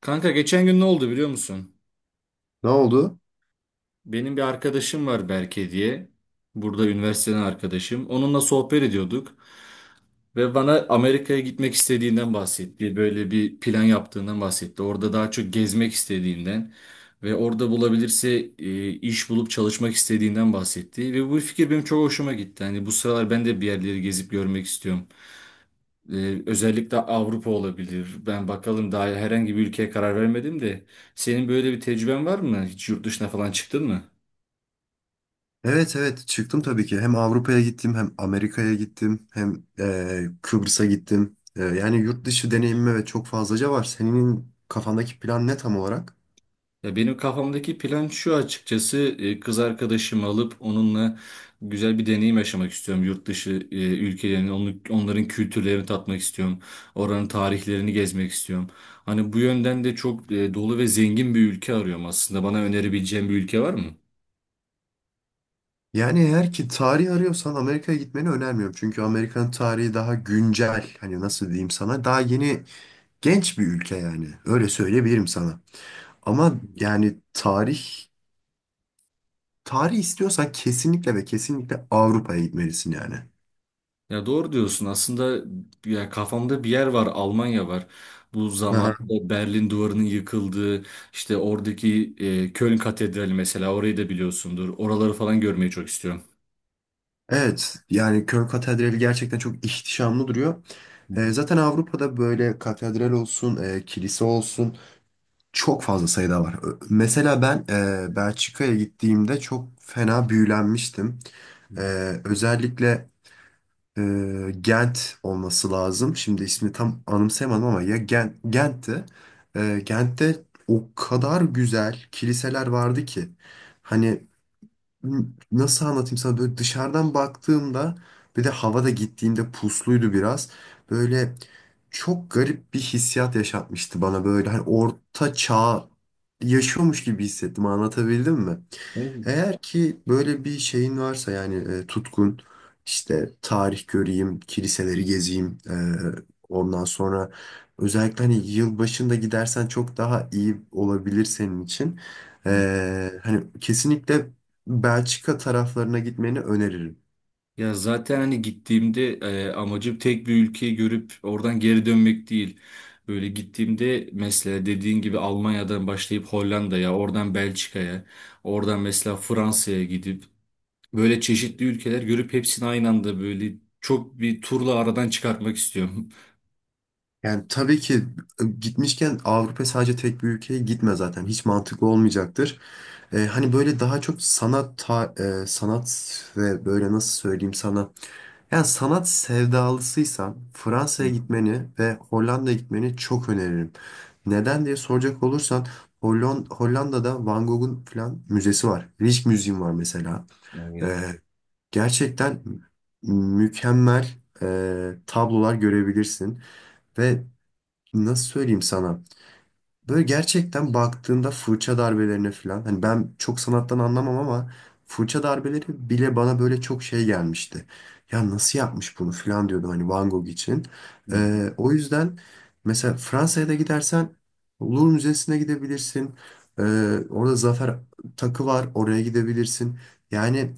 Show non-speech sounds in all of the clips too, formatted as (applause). Kanka geçen gün ne oldu biliyor musun? Ne oldu? Benim bir arkadaşım var Berke diye. Burada üniversiteden arkadaşım. Onunla sohbet ediyorduk ve bana Amerika'ya gitmek istediğinden bahsetti. Böyle bir plan yaptığından bahsetti. Orada daha çok gezmek istediğinden ve orada bulabilirse iş bulup çalışmak istediğinden bahsetti. Ve bu fikir benim çok hoşuma gitti. Hani bu sıralar ben de bir yerleri gezip görmek istiyorum. Özellikle Avrupa olabilir. Ben bakalım daha herhangi bir ülkeye karar vermedim de. Senin böyle bir tecrüben var mı? Hiç yurt dışına falan çıktın mı? Evet evet çıktım tabii ki. Hem Avrupa'ya gittim hem Amerika'ya gittim hem Kıbrıs'a gittim. Yani yurt dışı deneyimime ve çok fazlaca var. Senin kafandaki plan ne tam olarak? Ya benim kafamdaki plan şu açıkçası kız arkadaşımı alıp onunla güzel bir deneyim yaşamak istiyorum. Yurt dışı ülkelerini, onların kültürlerini tatmak istiyorum. Oranın tarihlerini gezmek istiyorum. Hani bu yönden de çok dolu ve zengin bir ülke arıyorum aslında. Bana önerebileceğin bir ülke var mı? Yani eğer ki tarih arıyorsan Amerika'ya gitmeni önermiyorum. Çünkü Amerika'nın tarihi daha güncel. Hani nasıl diyeyim sana? Daha yeni genç bir ülke yani. Öyle söyleyebilirim sana. Ama yani tarih istiyorsan kesinlikle ve kesinlikle Avrupa'ya gitmelisin yani. Ya doğru diyorsun. Aslında ya kafamda bir yer var, Almanya var. Bu (laughs) zamanında Berlin Duvarı'nın yıkıldığı, işte oradaki Köln Katedrali mesela orayı da biliyorsundur. Oraları falan görmeyi çok istiyorum. Evet, yani Köln Katedrali gerçekten çok ihtişamlı duruyor. Hı hı, Zaten Avrupa'da böyle katedral olsun, kilise olsun çok fazla sayıda var. Mesela ben Belçika'ya gittiğimde çok fena büyülenmiştim. hı E, Özellikle Gent olması lazım. Şimdi ismini tam anımsayamadım ama ya Gent'ti. Gent'te o kadar güzel kiliseler vardı ki. Hani nasıl anlatayım sana, böyle dışarıdan baktığımda, bir de havada gittiğimde pusluydu biraz. Böyle çok garip bir hissiyat yaşatmıştı bana, böyle hani orta çağ yaşıyormuş gibi hissettim, anlatabildim mi? hı. Eğer ki böyle bir şeyin varsa yani, tutkun işte tarih göreyim, kiliseleri gezeyim, ondan sonra özellikle hani yıl başında gidersen çok daha iyi olabilir senin için. Hı. Hani kesinlikle Belçika taraflarına gitmeni öneririm. Ya zaten hani gittiğimde amacım tek bir ülkeyi görüp oradan geri dönmek değil. Böyle gittiğimde mesela dediğin gibi Almanya'dan başlayıp Hollanda'ya, oradan Belçika'ya, oradan mesela Fransa'ya gidip böyle çeşitli ülkeler görüp hepsini aynı anda böyle çok bir turla aradan çıkartmak istiyorum. Yani tabii ki gitmişken Avrupa sadece tek bir ülkeye gitme zaten hiç mantıklı olmayacaktır. Hani böyle daha çok sanat ve böyle nasıl söyleyeyim sana, yani sanat sevdalısıysan Fransa'ya (laughs) gitmeni ve Hollanda'ya gitmeni çok öneririm. Neden diye soracak olursan, Hollanda'da Van Gogh'un falan müzesi var. Rijksmuseum Müziğim var mesela. Evet. Ee, Gerçekten mükemmel e, tablolar görebilirsin. Ve nasıl söyleyeyim sana? Böyle gerçekten baktığında fırça darbelerine falan, hani ben çok sanattan anlamam ama fırça darbeleri bile bana böyle çok şey gelmişti. Ya nasıl yapmış bunu falan diyordum hani Van Gogh için. Hı hı. O yüzden mesela Fransa'ya da gidersen Louvre Müzesi'ne gidebilirsin. Orada Zafer Takı var, oraya gidebilirsin. Yani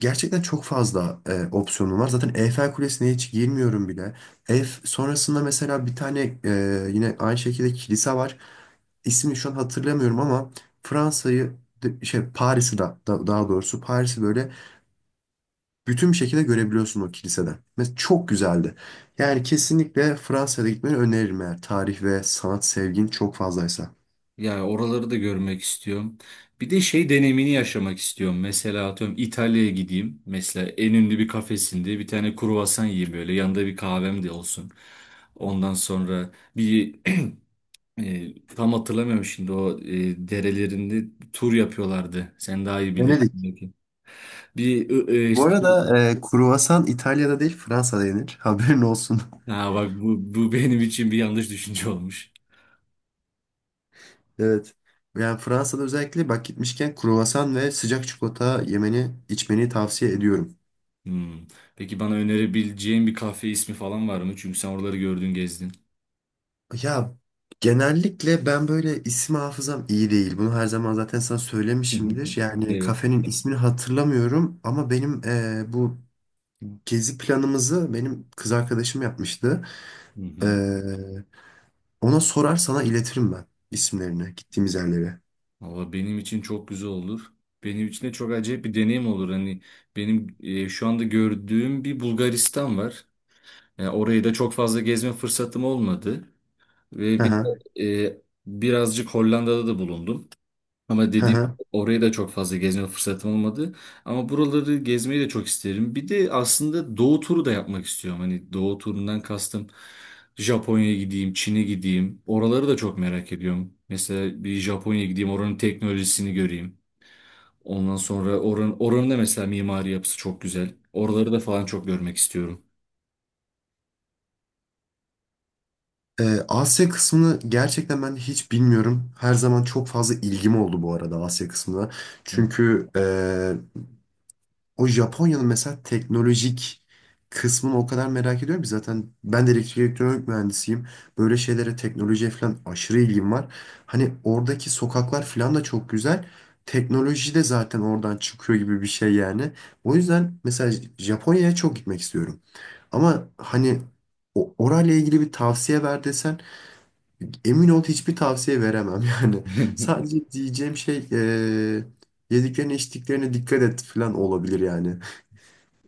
gerçekten çok fazla opsiyonum var. Zaten Eyfel Kulesi'ne hiç girmiyorum bile. Ef sonrasında mesela bir tane yine aynı şekilde kilise var. İsmini şu an hatırlamıyorum ama Fransa'yı Paris'i daha doğrusu Paris'i böyle bütün bir şekilde görebiliyorsun o kiliseden. Ve çok güzeldi. Yani kesinlikle Fransa'da gitmeni öneririm eğer tarih ve sanat sevgin çok fazlaysa. Yani oraları da görmek istiyorum. Bir de şey deneyimini yaşamak istiyorum. Mesela atıyorum İtalya'ya gideyim. Mesela en ünlü bir kafesinde bir tane kruvasan yiyeyim böyle. Yanında bir kahvem de olsun. Ondan sonra bir (clears throat) tam hatırlamıyorum şimdi o derelerinde tur yapıyorlardı. Sen daha iyi bilirsin Venedik. belki. Bir e, e, Bu arada kruvasan İtalya'da değil, Fransa'da yenir. Haberin olsun. Ha bak bu benim için bir yanlış düşünce olmuş. Evet. Yani Fransa'da özellikle bak, gitmişken kruvasan ve sıcak çikolata yemeni, içmeni tavsiye ediyorum. Hmm. Peki bana önerebileceğin bir kafe ismi falan var mı? Çünkü sen oraları gördün, gezdin. Ya genellikle ben böyle isim hafızam iyi değil. Bunu her zaman zaten sana söylemişimdir. (laughs) Yani Evet. kafenin ismini hatırlamıyorum ama benim bu gezi planımızı benim kız arkadaşım yapmıştı. Hı hı. Eee, Ona sorar sana iletirim ben, isimlerini gittiğimiz yerlere. Valla benim için çok güzel olur. Benim için de çok acayip bir deneyim olur. Hani benim şu anda gördüğüm bir Bulgaristan var. Yani orayı da çok fazla gezme fırsatım olmadı. Hı Ve bir hı. de, birazcık Hollanda'da da bulundum. Ama Hı dediğim hı. gibi oraya da çok fazla gezme fırsatım olmadı. Ama buraları gezmeyi de çok isterim. Bir de aslında doğu turu da yapmak istiyorum. Hani doğu turundan kastım Japonya'ya gideyim, Çin'e gideyim. Oraları da çok merak ediyorum. Mesela bir Japonya'ya gideyim, oranın teknolojisini göreyim. Ondan sonra oranın da mesela mimari yapısı çok güzel. Oraları da falan çok görmek istiyorum. Asya kısmını gerçekten ben hiç bilmiyorum. Her zaman çok fazla ilgim oldu bu arada Asya kısmına. Hı. Çünkü o Japonya'nın mesela teknolojik kısmını o kadar merak ediyorum ki, zaten ben de elektrik elektronik mühendisiyim. Böyle şeylere, teknolojiye falan aşırı ilgim var. Hani oradaki sokaklar falan da çok güzel. Teknoloji de zaten oradan çıkıyor gibi bir şey yani. O yüzden mesela Japonya'ya çok gitmek istiyorum. Ama hani orayla ilgili bir tavsiye ver desen, emin ol hiçbir tavsiye veremem (laughs) yani. (laughs) Sadece diyeceğim şey yediklerine içtiklerine dikkat et falan olabilir yani.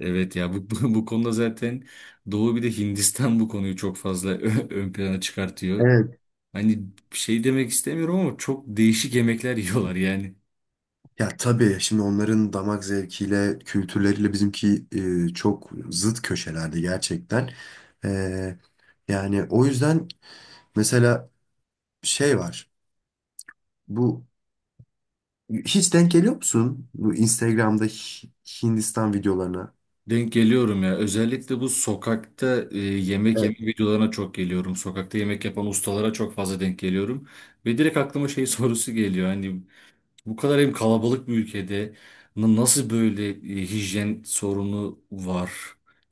Evet ya bu konuda zaten doğu bir de Hindistan bu konuyu çok fazla (laughs) ön plana çıkartıyor. Evet. Hani bir şey demek istemiyorum ama çok değişik yemekler (laughs) yiyorlar yani. Ya tabii şimdi onların damak zevkiyle, kültürleriyle bizimki çok zıt köşelerde gerçekten. Eee, Yani o yüzden mesela şey var. Bu, hiç denk geliyor musun bu Instagram'da Hindistan videolarına? Denk geliyorum ya. Özellikle bu sokakta yemek yeme videolarına çok geliyorum. Sokakta yemek yapan ustalara çok fazla denk geliyorum. Ve direkt aklıma şey (laughs) sorusu geliyor. Hani bu kadar hem kalabalık bir ülkede nasıl böyle hijyen sorunu var?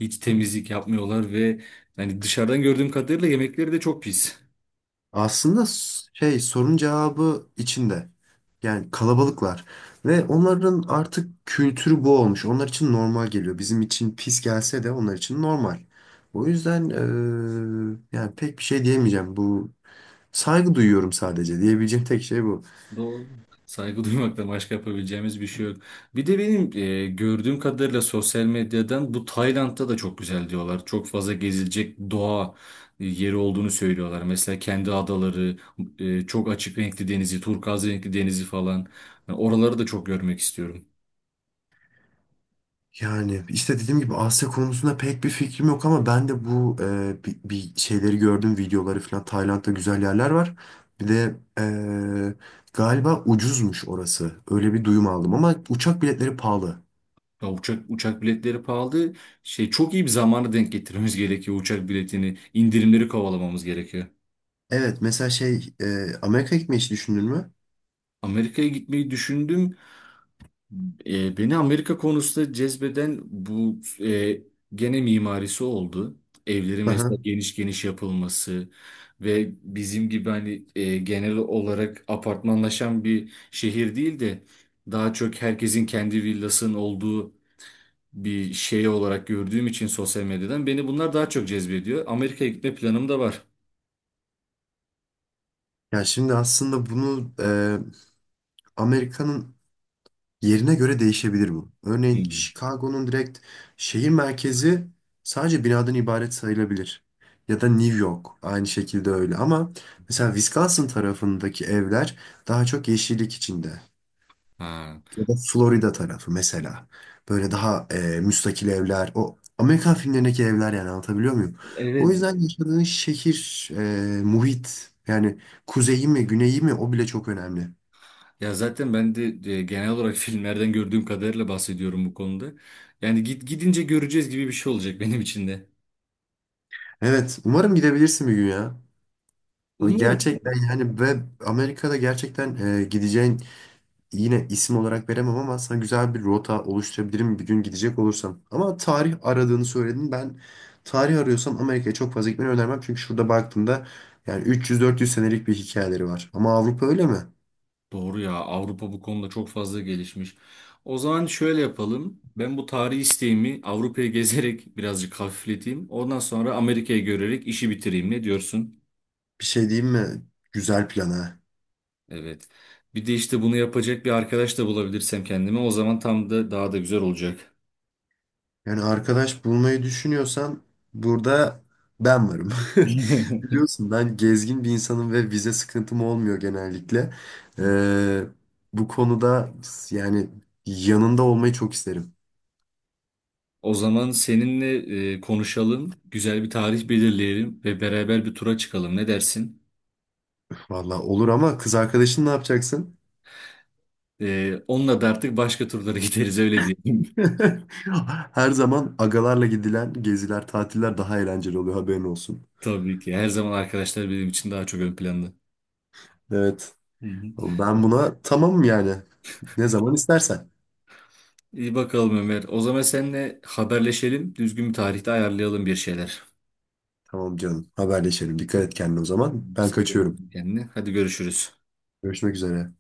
Hiç temizlik yapmıyorlar ve hani dışarıdan gördüğüm kadarıyla yemekleri de çok pis. Aslında sorun cevabı içinde. Yani kalabalıklar. Ve onların artık kültürü bu olmuş. Onlar için normal geliyor. Bizim için pis gelse de onlar için normal. O yüzden yani pek bir şey diyemeyeceğim. Bu, saygı duyuyorum sadece. Diyebileceğim tek şey bu. Doğru. Saygı (laughs) duymaktan başka yapabileceğimiz bir şey yok. Bir de benim gördüğüm kadarıyla sosyal medyadan bu Tayland'da da çok güzel diyorlar. Çok fazla gezilecek doğa yeri olduğunu söylüyorlar. Mesela kendi adaları, çok açık renkli denizi, turkuaz renkli denizi falan. Ben oraları da çok görmek istiyorum. Yani işte dediğim gibi Asya konusunda pek bir fikrim yok ama ben de bu bir şeyleri gördüm, videoları falan, Tayland'da güzel yerler var. Bir de galiba ucuzmuş orası. Öyle bir duyum aldım ama uçak biletleri pahalı. Ya uçak biletleri pahalı. Şey çok iyi bir zamanı denk getirmemiz (laughs) gerekiyor uçak biletini. İndirimleri kovalamamız gerekiyor. Evet, mesela Amerika gitmeyi hiç düşündün mü? Amerika'ya gitmeyi düşündüm. Beni Amerika konusunda cezbeden e, gene mimarisi oldu. Evleri mesela Aha. geniş geniş yapılması ve bizim gibi hani genel olarak apartmanlaşan bir şehir değil de daha çok herkesin kendi villasının olduğu bir şey olarak gördüğüm için sosyal medyadan beni bunlar daha çok cezbediyor. Amerika'ya gitme planım da var. Ya şimdi aslında bunu Amerika'nın yerine göre değişebilir bu. Örneğin Hmm. Chicago'nun direkt şehir merkezi sadece binadan ibaret sayılabilir. Ya da New York aynı şekilde öyle. Ama mesela Wisconsin tarafındaki evler daha çok yeşillik içinde. Ha. Ya da Florida tarafı mesela. Böyle daha müstakil evler. O Amerikan filmlerindeki evler yani, anlatabiliyor muyum? O Evet. yüzden yaşadığın şehir, muhit yani, kuzeyi mi güneyi mi, o bile çok önemli. Ya zaten ben de genel olarak (laughs) filmlerden gördüğüm kadarıyla bahsediyorum bu konuda. Yani git gidince göreceğiz gibi bir şey olacak benim için de. Evet, umarım gidebilirsin bir gün ya. Ama Umarım. gerçekten yani, ve Amerika'da gerçekten gideceğin, yine isim olarak veremem ama sana güzel bir rota oluşturabilirim bir gün gidecek olursam. Ama tarih aradığını söyledin. Ben tarih arıyorsam Amerika'ya çok fazla gitmeni önermem. Çünkü şurada baktığımda yani 300-400 senelik bir hikayeleri var. Ama Avrupa öyle mi? Doğru ya, Avrupa bu konuda çok fazla gelişmiş. O zaman şöyle yapalım. Ben bu tarihi isteğimi Avrupa'yı gezerek (laughs) birazcık hafifleteyim. Ondan sonra Amerika'yı görerek işi bitireyim. Ne diyorsun? Bir şey diyeyim mi? Güzel plan ha. Evet. Bir de işte bunu yapacak bir arkadaş da bulabilirsem kendime o zaman tam da daha da güzel olacak. Yani arkadaş bulmayı düşünüyorsan, burada ben varım. (laughs) (laughs) Biliyorsun ben gezgin bir insanım ve vize sıkıntım olmuyor genellikle. Ee, Bu konuda yani yanında olmayı çok isterim. O zaman seninle konuşalım, güzel bir tarih belirleyelim ve beraber bir tura çıkalım. Ne dersin? Valla olur ama kız arkadaşın ne yapacaksın? Onunla da artık başka turlara (laughs) gideriz öyle diyelim. (laughs) Her zaman agalarla gidilen geziler, tatiller daha eğlenceli oluyor haberin olsun. (laughs) Tabii ki. Her zaman arkadaşlar benim için daha çok ön planda. Evet. Hı hı. Ben buna tamamım yani. Ne zaman istersen. İyi bakalım Ömer. O zaman seninle haberleşelim. Düzgün bir tarihte ayarlayalım bir şeyler. Tamam canım. Haberleşelim. Dikkat et kendine o zaman. Ben Sen de kaçıyorum. kendine. Hadi görüşürüz. Görüşmek üzere.